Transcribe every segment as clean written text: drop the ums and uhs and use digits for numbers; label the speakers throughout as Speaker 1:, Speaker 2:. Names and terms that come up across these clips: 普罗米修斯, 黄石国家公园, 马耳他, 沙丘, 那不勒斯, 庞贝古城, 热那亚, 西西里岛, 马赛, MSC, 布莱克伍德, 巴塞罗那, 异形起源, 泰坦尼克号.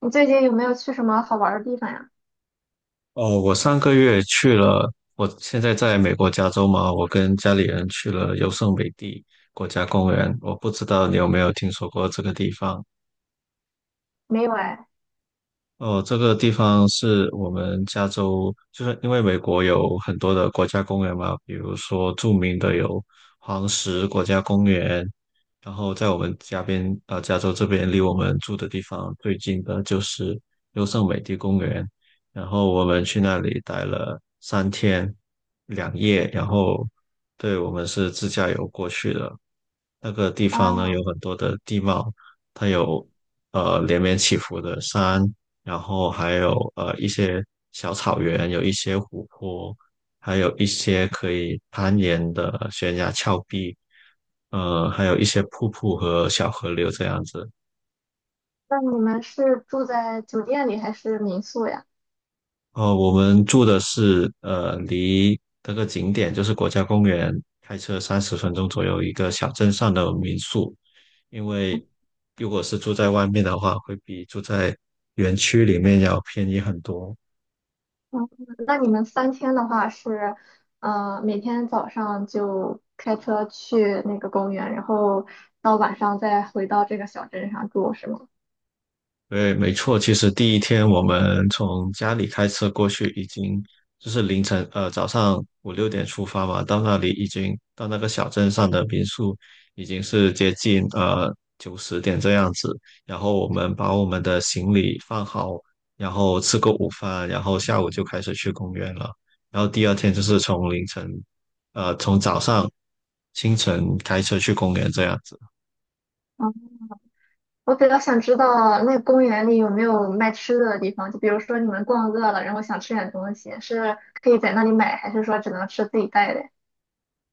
Speaker 1: 你最近有没有去什么好玩儿的地方呀？
Speaker 2: 哦，我上个月去了，我现在在美国加州嘛，我跟家里人去了优胜美地国家公园。我不知道你有没有听说过这个地方？
Speaker 1: 没有哎。
Speaker 2: 哦，这个地方是我们加州，就是因为美国有很多的国家公园嘛，比如说著名的有黄石国家公园，然后在我们家边，加州这边离我们住的地方最近的就是优胜美地公园，然后我们去那里待了3天2夜，然后对我们是自驾游过去的，那个地方呢
Speaker 1: 啊，
Speaker 2: 有很多的地貌，它有连绵起伏的山。然后还有一些小草原，有一些湖泊，还有一些可以攀岩的悬崖峭壁，还有一些瀑布和小河流这样子。
Speaker 1: 那你们是住在酒店里还是民宿呀？
Speaker 2: 哦，我们住的是离这个景点就是国家公园开车30分钟左右一个小镇上的民宿，因为如果是住在外面的话，会比住在园区里面要便宜很多。
Speaker 1: 嗯，那你们三天的话是，每天早上就开车去那个公园，然后到晚上再回到这个小镇上住，是吗？
Speaker 2: 对，没错。其实第一天我们从家里开车过去，已经就是凌晨，早上五六点出发嘛，到那里已经到那个小镇上的民宿，已经是接近九十点这样子。然后我们把我们的行李放好，然后吃个午饭，然后下午就开始去公园了。然后第二天就是从凌晨，从早上清晨开车去公园这样子。
Speaker 1: 嗯，我比较想知道那个公园里有没有卖吃的的地方，就比如说你们逛饿了，然后想吃点东西，是可以在那里买，还是说只能吃自己带的呀？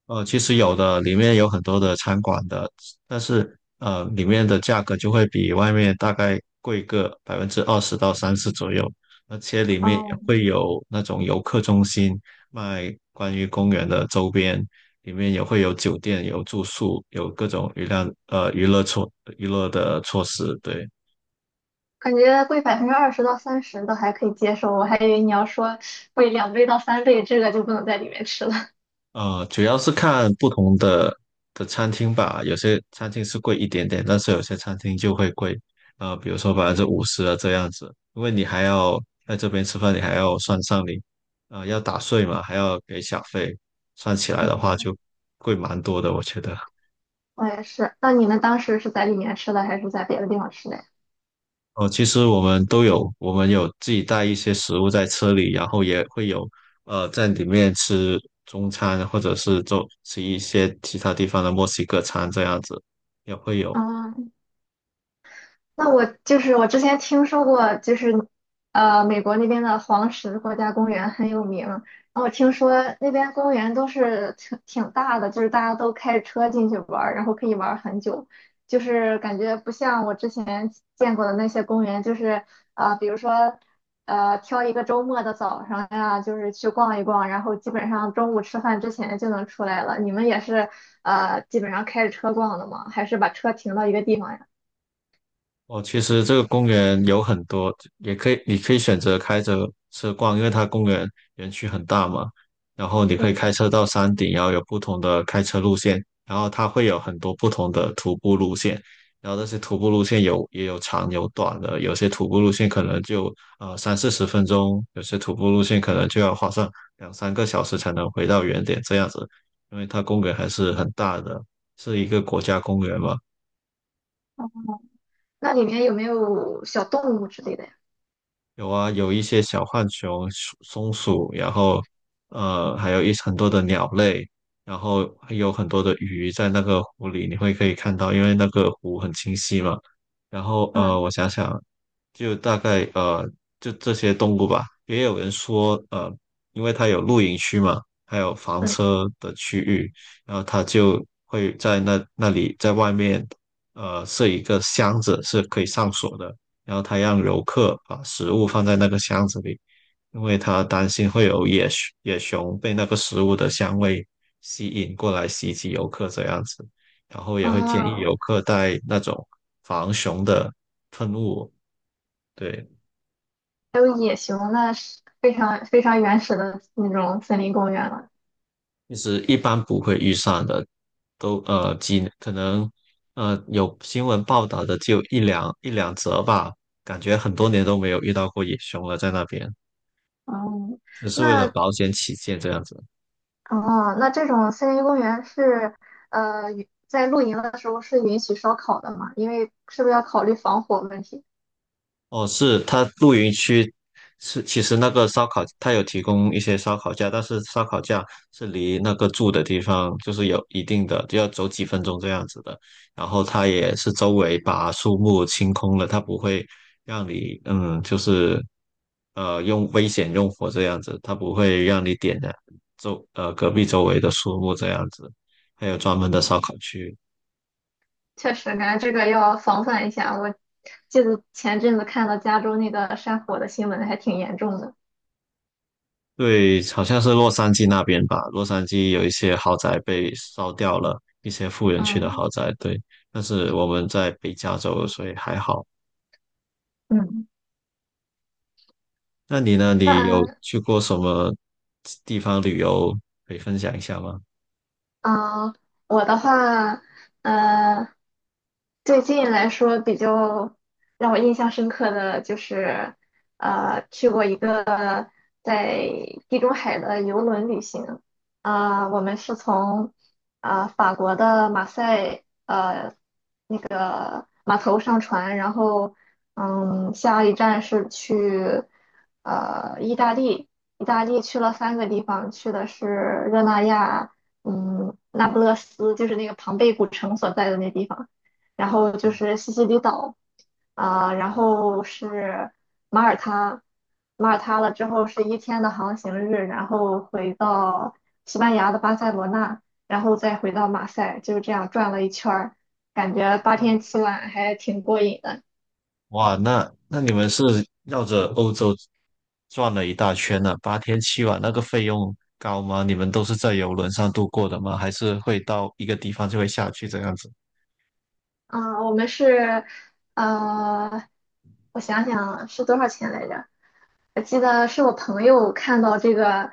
Speaker 2: 其实有的，里面有很多的餐馆的，但是里面的价格就会比外面大概贵个20%到30%左右，而且里面也
Speaker 1: 哦，
Speaker 2: 会有那种游客中心卖关于公园的周边，里面也会有酒店、有住宿、有各种娱乐的措施，对。
Speaker 1: 感觉贵20%到30%都还可以接受，我还以为你要说贵2倍到3倍，这个就不能在里面吃了。
Speaker 2: 主要是看不同的餐厅吧，有些餐厅是贵一点点，但是有些餐厅就会贵，比如说50%啊这样子，因为你还要在这边吃饭，你还要算上你，要打税嘛，还要给小费，算起来的话
Speaker 1: 嗯，
Speaker 2: 就贵蛮多的，我觉得。
Speaker 1: 我也是。那你们当时是在里面吃的，还是在别的地方吃的呀？
Speaker 2: 哦、其实我们都有，我们有自己带一些食物在车里，然后也会有，在里面吃中餐，或者是吃一些其他地方的墨西哥餐这样子，也会有。
Speaker 1: 啊，那我就是我之前听说过，就是美国那边的黄石国家公园很有名。然后我听说那边公园都是挺大的，就是大家都开着车进去玩儿，然后可以玩儿很久。就是感觉不像我之前见过的那些公园，就是比如说挑一个周末的早上呀，就是去逛一逛，然后基本上中午吃饭之前就能出来了。你们也是基本上开着车逛的吗？还是把车停到一个地方呀？
Speaker 2: 哦，其实这个公园有很多，也可以，你可以选择开着车逛，因为它公园园区很大嘛。然后你可以
Speaker 1: 嗯。
Speaker 2: 开车到山顶，然后有不同的开车路线，然后它会有很多不同的徒步路线。然后那些徒步路线也有长有短的，有些徒步路线可能就三四十分钟，有些徒步路线可能就要花上两三个小时才能回到原点这样子，因为它公园还是很大的，是一个国家公园嘛。
Speaker 1: 那里面有没有小动物之类的呀？
Speaker 2: 有啊，有一些小浣熊、松鼠，然后还有很多的鸟类，然后还有很多的鱼在那个湖里，你可以看到，因为那个湖很清晰嘛。然后
Speaker 1: 嗯
Speaker 2: 我想想，就大概就这些动物吧。也有人说，因为它有露营区嘛，还有房
Speaker 1: 嗯，
Speaker 2: 车的区域，然后它就会在那里在外面，设一个箱子是可以上锁的，然后它让游客把食物放在那个箱子里，因为它担心会有野熊被那个食物的香味吸引过来袭击游客这样子，然后也会建议游
Speaker 1: 啊，
Speaker 2: 客带那种防熊的喷雾。对，
Speaker 1: 还有野熊，那是非常非常原始的那种森林公园了。
Speaker 2: 其实一般不会遇上的，都呃几可能呃有新闻报道的就一两则吧，感觉很多年都没有遇到过野熊了，在那边
Speaker 1: 哦，
Speaker 2: 只是为了
Speaker 1: 那
Speaker 2: 保险起见这样子。
Speaker 1: 这种森林公园是在露营的时候是允许烧烤的吗？因为是不是要考虑防火问题？
Speaker 2: 哦，是它露营区是其实那个烧烤它有提供一些烧烤架，但是烧烤架是离那个住的地方就是有一定的，就要走几分钟这样子的。然后它也是周围把树木清空了，它不会让你就是用危险用火这样子，它不会让你点燃周呃隔壁周围的树木这样子，还有专门的烧烤区。
Speaker 1: 确实，感觉这个要防范一下。我记得前阵子看到加州那个山火的新闻，还挺严重的。
Speaker 2: 对，好像是洛杉矶那边吧，洛杉矶有一些豪宅被烧掉了，一些富人区的
Speaker 1: 嗯，
Speaker 2: 豪宅。对，但是我们在北加州，所以还好。
Speaker 1: 嗯，
Speaker 2: 那你呢？你有
Speaker 1: 那
Speaker 2: 去过什么地方旅游可以分享一下吗？
Speaker 1: 嗯，我的话，呃，最近来说比较让我印象深刻的就是，去过一个在地中海的游轮旅行。我们是从法国的马赛。码头上船，然后嗯，下一站是去意大利，意大利去了三个地方，去的是热那亚，嗯，那不勒斯，就是那个庞贝古城所在的那地方，然后就是西西里岛，然后是马耳他，马耳他了之后是一天的航行日，然后回到西班牙的巴塞罗那，然后再回到马赛，就是这样转了一圈儿。感觉8天7晚还挺过瘾的。
Speaker 2: 哇，那你们是绕着欧洲转了一大圈呢，8天7晚，那个费用高吗？你们都是在游轮上度过的吗？还是会到一个地方就会下去这样子？
Speaker 1: 嗯，我们是，呃，我想想啊是多少钱来着？我记得是我朋友看到这个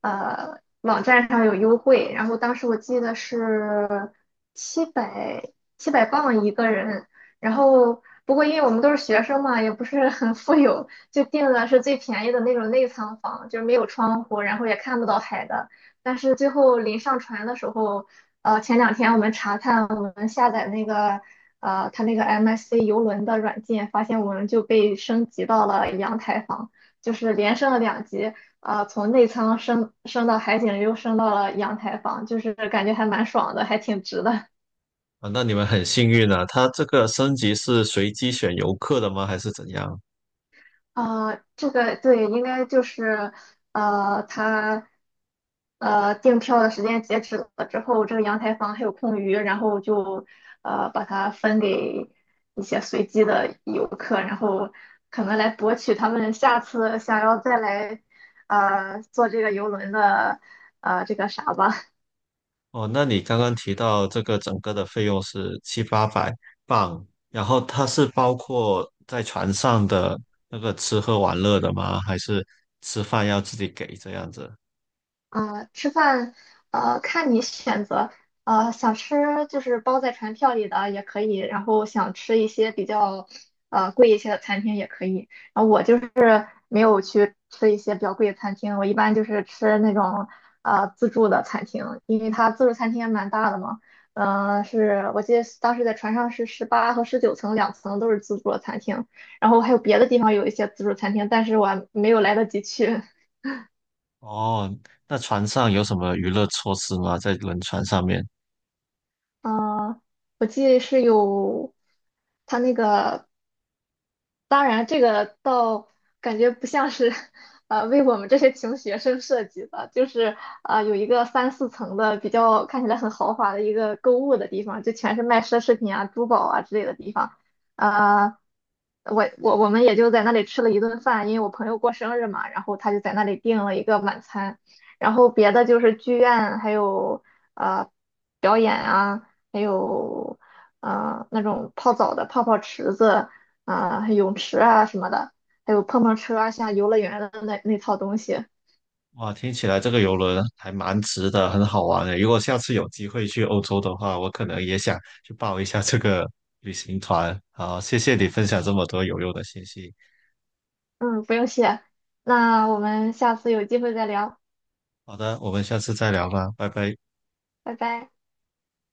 Speaker 1: 网站上有优惠，然后当时我记得是七百七百磅一个人，然后不过因为我们都是学生嘛，也不是很富有，就订的是最便宜的那种内舱房，就是没有窗户，然后也看不到海的。但是最后临上船的时候，前两天我们查看我们下载那个。它那个 MSC 游轮的软件，发现我们就被升级到了阳台房。就是连升了两级，啊，从内舱升到海景，又升到了阳台房，就是感觉还蛮爽的，还挺值的。
Speaker 2: 啊，那你们很幸运啊，它这个升级是随机选游客的吗？还是怎样？
Speaker 1: 这个对，应该就是他订票的时间截止了之后，这个阳台房还有空余，然后就把它分给一些随机的游客，然后可能来博取他们下次想要再来坐这个游轮的这个啥吧。
Speaker 2: 哦，那你刚刚提到这个整个的费用是七八百镑，然后它是包括在船上的那个吃喝玩乐的吗？还是吃饭要自己给这样子？
Speaker 1: 啊，吃饭，看你选择，想吃就是包在船票里的也可以，然后想吃一些比较，贵一些的餐厅也可以。然后我就是没有去吃一些比较贵的餐厅，我一般就是吃那种，自助的餐厅，因为它自助餐厅也蛮大的嘛，是我记得当时在船上是18和19层，两层都是自助的餐厅，然后还有别的地方有一些自助餐厅，但是我还没有来得及去。
Speaker 2: 哦，那船上有什么娱乐措施吗？在轮船上面？
Speaker 1: 嗯、我记得是有他那个当然，这个倒感觉不像是，为我们这些穷学生设计的，就是有一个三四层的比较看起来很豪华的一个购物的地方，就全是卖奢侈品啊、珠宝啊之类的地方。呃，我们也就在那里吃了一顿饭，因为我朋友过生日嘛，然后他就在那里订了一个晚餐，然后别的就是剧院，还有呃表演啊，还有那种泡澡的泡泡池子。还有泳池啊什么的，还有碰碰车啊，像游乐园的那套东西。
Speaker 2: 哇，听起来这个游轮还蛮值的，很好玩的。如果下次有机会去欧洲的话，我可能也想去报一下这个旅行团。好，谢谢你分享这么多有用的信息。
Speaker 1: 嗯，不用谢，那我们下次有机会再聊，
Speaker 2: 好的，我们下次再聊吧，拜拜。
Speaker 1: 拜拜。